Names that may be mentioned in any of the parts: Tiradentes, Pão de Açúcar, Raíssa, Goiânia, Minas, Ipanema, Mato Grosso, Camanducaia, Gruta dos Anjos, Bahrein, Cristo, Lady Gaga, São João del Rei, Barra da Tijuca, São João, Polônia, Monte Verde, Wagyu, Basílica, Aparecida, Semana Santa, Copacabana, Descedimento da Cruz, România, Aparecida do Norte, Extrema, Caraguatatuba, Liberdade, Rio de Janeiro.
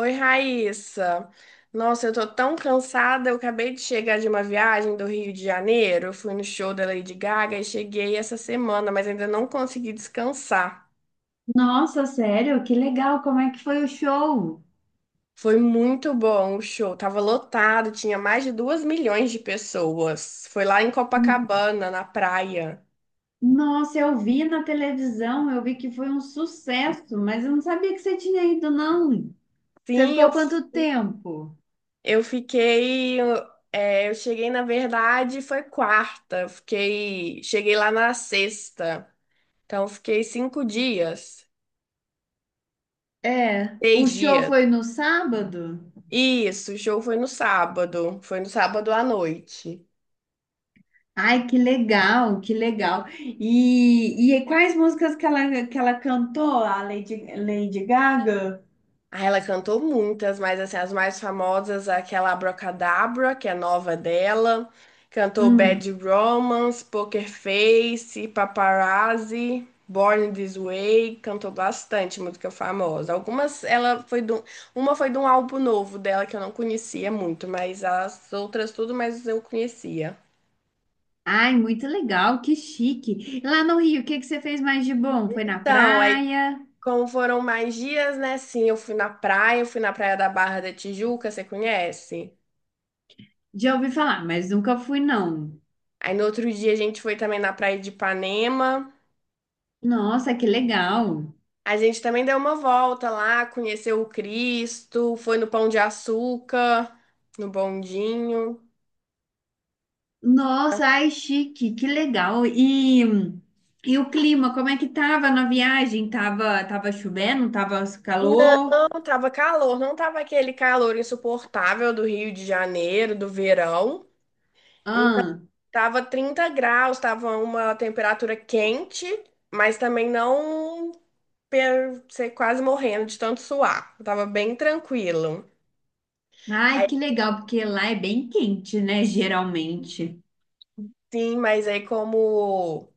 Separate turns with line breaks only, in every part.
Oi, Raíssa. Nossa, eu tô tão cansada. Eu acabei de chegar de uma viagem do Rio de Janeiro. Eu fui no show da Lady Gaga e cheguei essa semana, mas ainda não consegui descansar.
Nossa, sério? Que legal! Como é que foi o show?
Foi muito bom o show. Tava lotado, tinha mais de duas milhões de pessoas. Foi lá em
N-
Copacabana, na praia.
Nossa, eu vi na televisão, eu vi que foi um sucesso, mas eu não sabia que você tinha ido, não. Você
Sim, eu,
ficou quanto tempo?
eu fiquei. É, eu cheguei, na verdade, foi quarta. Eu fiquei, cheguei lá na sexta. Então, eu fiquei 5 dias,
É, o
seis
show
dias.
foi no sábado?
Isso, o show foi no sábado. Foi no sábado à noite.
Ai, que legal, que legal. E quais músicas que ela cantou, a Lady Gaga?
Aí ela cantou muitas, mas assim, as mais famosas, aquela Abracadabra, que é nova dela. Cantou Bad
Hum.
Romance, Poker Face, Paparazzi, Born This Way. Cantou bastante música famosa. Algumas, ela foi de um- Uma foi de um álbum novo dela que eu não conhecia muito, mas as outras tudo mais eu conhecia.
Ai, muito legal, que chique. Lá no Rio, o que que você fez mais de bom? Foi na
Então, aí
praia?
como foram mais dias, né? Sim, eu fui na praia, eu fui na praia da Barra da Tijuca, você conhece?
Já ouvi falar, mas nunca fui, não.
Aí no outro dia a gente foi também na praia de Ipanema.
Nossa, que legal.
A gente também deu uma volta lá, conheceu o Cristo, foi no Pão de Açúcar, no bondinho.
Nossa, ai, chique, que legal. E o clima, como é que tava na viagem? Tava chovendo? Tava calor?
Não, tava calor, não tava aquele calor insuportável do Rio de Janeiro, do verão. Então,
Ah,
tava 30 graus, tava uma temperatura quente, mas também não. Pedro, você quase morrendo de tanto suar. Eu tava bem tranquilo.
ai,
Aí
que legal, porque lá é bem quente, né, geralmente.
sim, mas aí como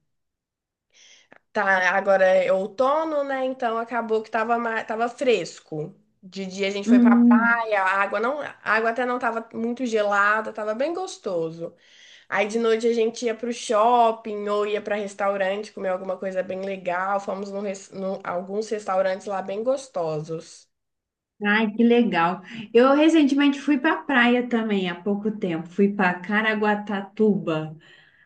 tá agora é outono, né? Então acabou que tava, tava fresco. De dia a gente foi pra
Hum,
praia, a água até não tava muito gelada, tava bem gostoso. Aí de noite a gente ia pro shopping ou ia pra restaurante comer alguma coisa bem legal. Fomos num, alguns restaurantes lá bem gostosos.
ai, que legal. Eu recentemente fui pra praia também, há pouco tempo. Fui pra Caraguatatuba.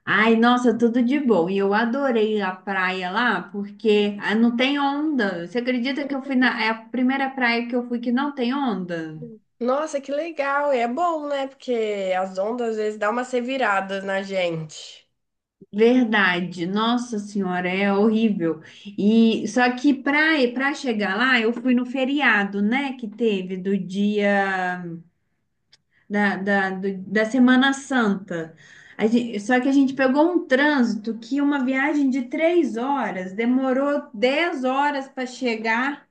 Ai, nossa, tudo de bom. E eu adorei a praia lá, porque ah, não tem onda. Você acredita que eu fui na... É a primeira praia que eu fui que não tem onda?
Nossa, que legal! E é bom, né? Porque as ondas às vezes dão umas reviradas na gente.
Verdade. Nossa senhora, é horrível. E só que praia, para chegar lá, eu fui no feriado, né, que teve do dia da Semana Santa. Só que a gente pegou um trânsito que uma viagem de 3 horas demorou 10 horas para chegar.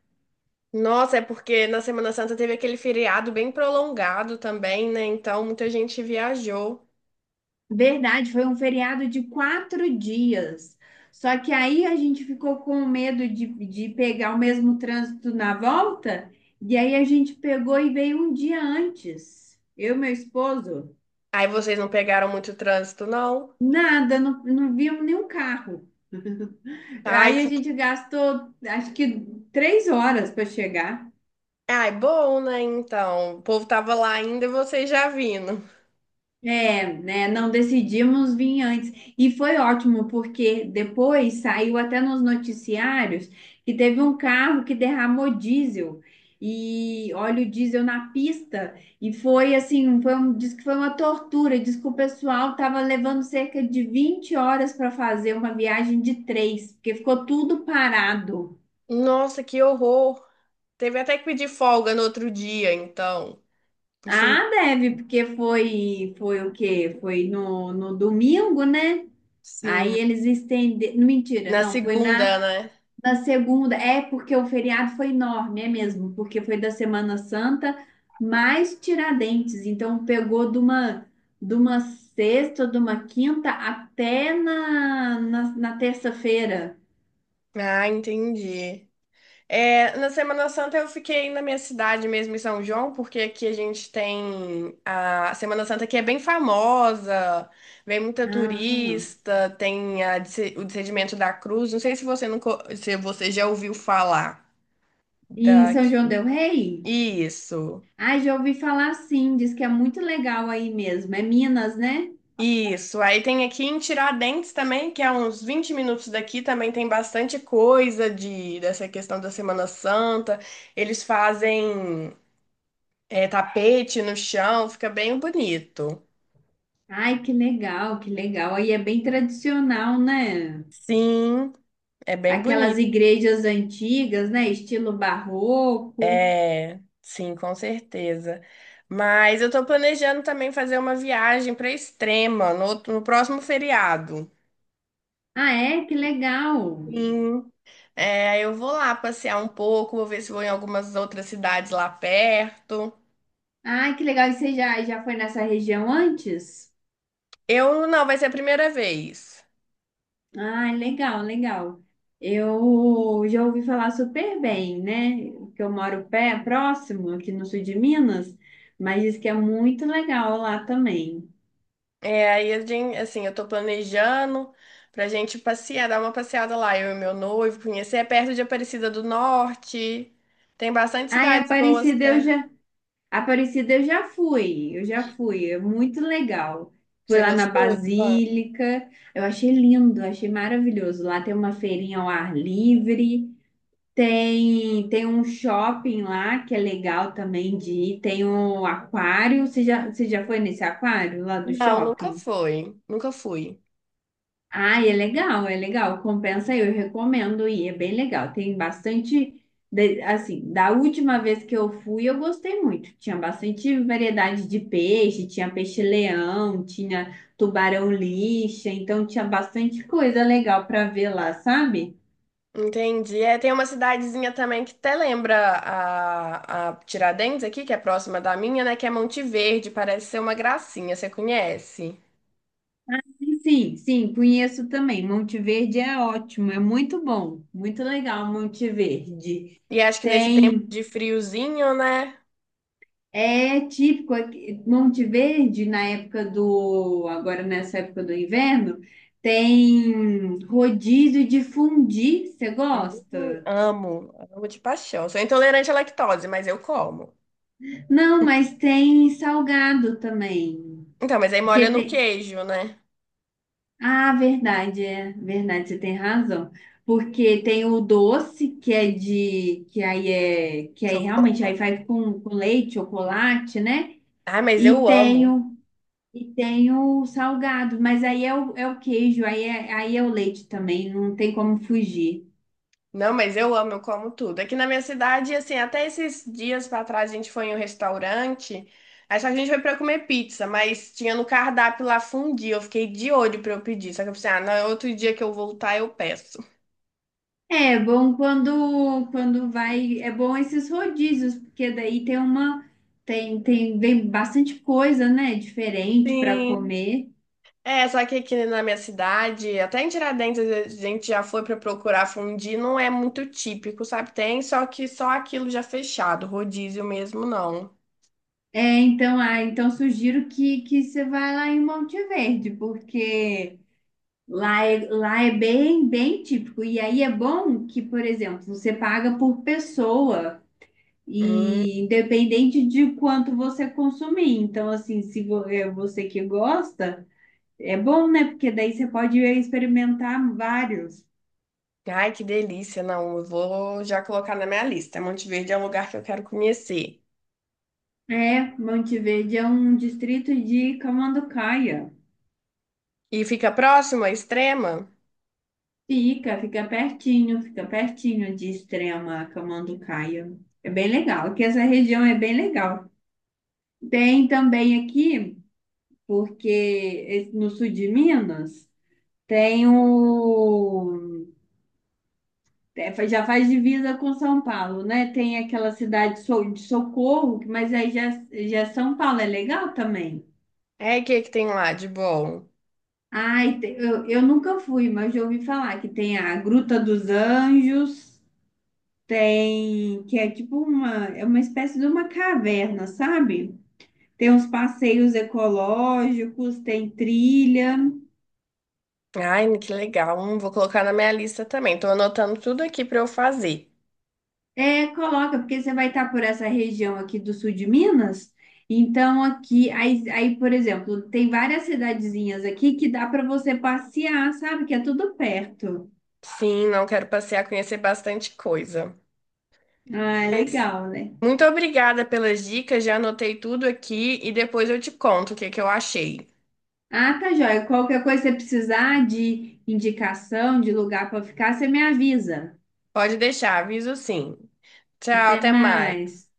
Nossa, é porque na Semana Santa teve aquele feriado bem prolongado também, né? Então muita gente viajou.
Verdade, foi um feriado de 4 dias. Só que aí a gente ficou com medo de pegar o mesmo trânsito na volta, e aí a gente pegou e veio um dia antes. Eu e meu esposo,
Aí vocês não pegaram muito trânsito, não?
nada, não, não vimos nenhum carro.
Ai,
Aí a
que...
gente gastou acho que 3 horas para chegar.
Ai, bom, né? Então, o povo tava lá ainda e vocês já vindo.
É, né? Não decidimos vir antes. E foi ótimo, porque depois saiu até nos noticiários que teve um carro que derramou diesel e óleo diesel na pista. E foi assim, diz que foi uma tortura. Diz que o pessoal estava levando cerca de 20 horas para fazer uma viagem de três, porque ficou tudo parado.
Nossa, que horror! Teve até que pedir folga no outro dia, então. Se...
Ah, deve, porque foi o quê? Foi no domingo, né? Aí
Sim,
eles estenderam. Mentira,
na
não, foi
segunda,
na,
né?
na segunda. É porque o feriado foi enorme, é mesmo, porque foi da Semana Santa mais Tiradentes. Então pegou de uma sexta, de uma quinta até na terça-feira.
Ah, entendi. É, na Semana Santa eu fiquei na minha cidade mesmo, em São João, porque aqui a gente tem a Semana Santa que é bem famosa, vem muita
Ah,
turista, o Descedimento da Cruz. Não sei se você nunca, se você já ouviu falar
e em
da
São João
isso.
del Rei? Ai, já ouvi falar sim, diz que é muito legal aí mesmo. É Minas, né?
Isso. Aí tem aqui em Tiradentes também, que é uns 20 minutos daqui, também tem bastante coisa de dessa questão da Semana Santa. Eles fazem é tapete no chão, fica bem bonito.
Ai, que legal, que legal. Aí é bem tradicional, né?
Sim, é bem
Aquelas
bonito.
igrejas antigas, né? Estilo barroco.
É, sim, com certeza. Mas eu tô planejando também fazer uma viagem para Extrema no, no próximo feriado.
Ah, é? Que legal.
Sim, é, eu vou lá passear um pouco, vou ver se vou em algumas outras cidades lá perto.
Ah, que legal. E você já foi nessa região antes?
Eu não, vai ser a primeira vez.
Ah, legal, legal. Eu já ouvi falar super bem, né? Que eu moro pé, próximo, aqui no sul de Minas, mas diz que é muito legal lá também.
É, aí a gente, assim, eu tô planejando pra gente passear, dar uma passeada lá, eu e meu noivo, conhecer, é perto de Aparecida do Norte. Tem bastante
Ah, é
cidades boas
Aparecida, eu
perto.
já. Aparecida eu já fui, é muito legal. Fui
Você
lá na
gostou? De lá?
Basílica, eu achei lindo, achei maravilhoso. Lá tem uma feirinha ao ar livre, tem um shopping lá que é legal também de ir, tem um aquário. Você já foi nesse aquário lá do
Não, nunca
shopping?
foi. Nunca fui.
Ah, é legal, é legal. Compensa, aí, eu recomendo ir, é bem legal. Tem bastante, assim, da última vez que eu fui, eu gostei muito. Tinha bastante variedade de peixe, tinha peixe-leão, tinha tubarão-lixa, então tinha bastante coisa legal para ver lá, sabe?
Entendi. É, tem uma cidadezinha também que até lembra a Tiradentes aqui, que é próxima da minha, né? Que é Monte Verde, parece ser uma gracinha, você conhece?
Sim, sim, conheço também. Monte Verde é ótimo, é muito bom, muito legal Monte Verde.
E acho que nesse tempo
Tem
de friozinho, né?
É típico aqui, Monte Verde na época do, agora nessa época do inverno, tem rodízio de fundi, você
Hum.
gosta?
Amo, amo de paixão. Sou intolerante à lactose, mas eu como.
Não, mas tem salgado também.
Então, mas aí molha
Porque
no
tem,
queijo, né?
ah, verdade, é, verdade, você tem razão. Porque tem o doce que é de que aí é que aí realmente
Chocolate.
aí faz com leite, chocolate, né?
Ah, mas
E
eu
tem
amo.
o E tem o salgado, mas aí é o, é o queijo, aí é o leite também, não tem como fugir.
Não, mas eu amo, eu como tudo. Aqui na minha cidade, assim, até esses dias pra trás a gente foi em um restaurante, aí só que a gente foi pra comer pizza, mas tinha no cardápio lá fundi, eu fiquei de olho pra eu pedir. Só que eu pensei, ah, não, outro dia que eu voltar eu peço.
É bom quando vai, é bom esses rodízios, porque daí tem uma tem tem vem bastante coisa, né, diferente para
Sim.
comer.
É, só que aqui na minha cidade, até em Tiradentes a gente já foi pra procurar fundir, não é muito típico, sabe? Tem, só que só aquilo já fechado, rodízio mesmo não.
É, então, ah, então sugiro que você vá lá em Monte Verde, porque lá é bem bem típico. E aí é bom que, por exemplo, você paga por pessoa.
Hum,
E independente de quanto você consumir. Então, assim, se vo- é você que gosta, é bom, né? Porque daí você pode experimentar vários.
ai, que delícia, não, eu vou já colocar na minha lista. Monte Verde é um lugar que eu quero conhecer.
É, Monteverde é um distrito de Camanducaia.
E fica próximo à Extrema?
Fica pertinho, fica pertinho de Extrema, Camanducaia. É bem legal, porque essa região é bem legal. Tem também aqui, porque no sul de Minas, tem o É, já faz divisa com São Paulo, né? Tem aquela cidade de Socorro, mas aí já é São Paulo, é legal também.
É, e o que que tem lá de bom?
Ai, eu nunca fui, mas já ouvi falar que tem a Gruta dos Anjos, tem que é tipo uma, é uma espécie de uma caverna, sabe? Tem uns passeios ecológicos, tem trilha.
Ai, que legal, vou colocar na minha lista também. Tô anotando tudo aqui pra eu fazer.
É, coloca, porque você vai estar por essa região aqui do sul de Minas. Então, aqui, aí, por exemplo, tem várias cidadezinhas aqui que dá para você passear, sabe? Que é tudo perto.
Sim, não quero passear, conhecer bastante coisa.
Ah, é legal, né?
Muito obrigada pelas dicas, já anotei tudo aqui e depois eu te conto o que que eu achei.
Ah, tá joia. Qualquer coisa que você precisar de indicação, de lugar para ficar, você me avisa.
Pode deixar, aviso sim. Tchau,
Até
até mais.
mais.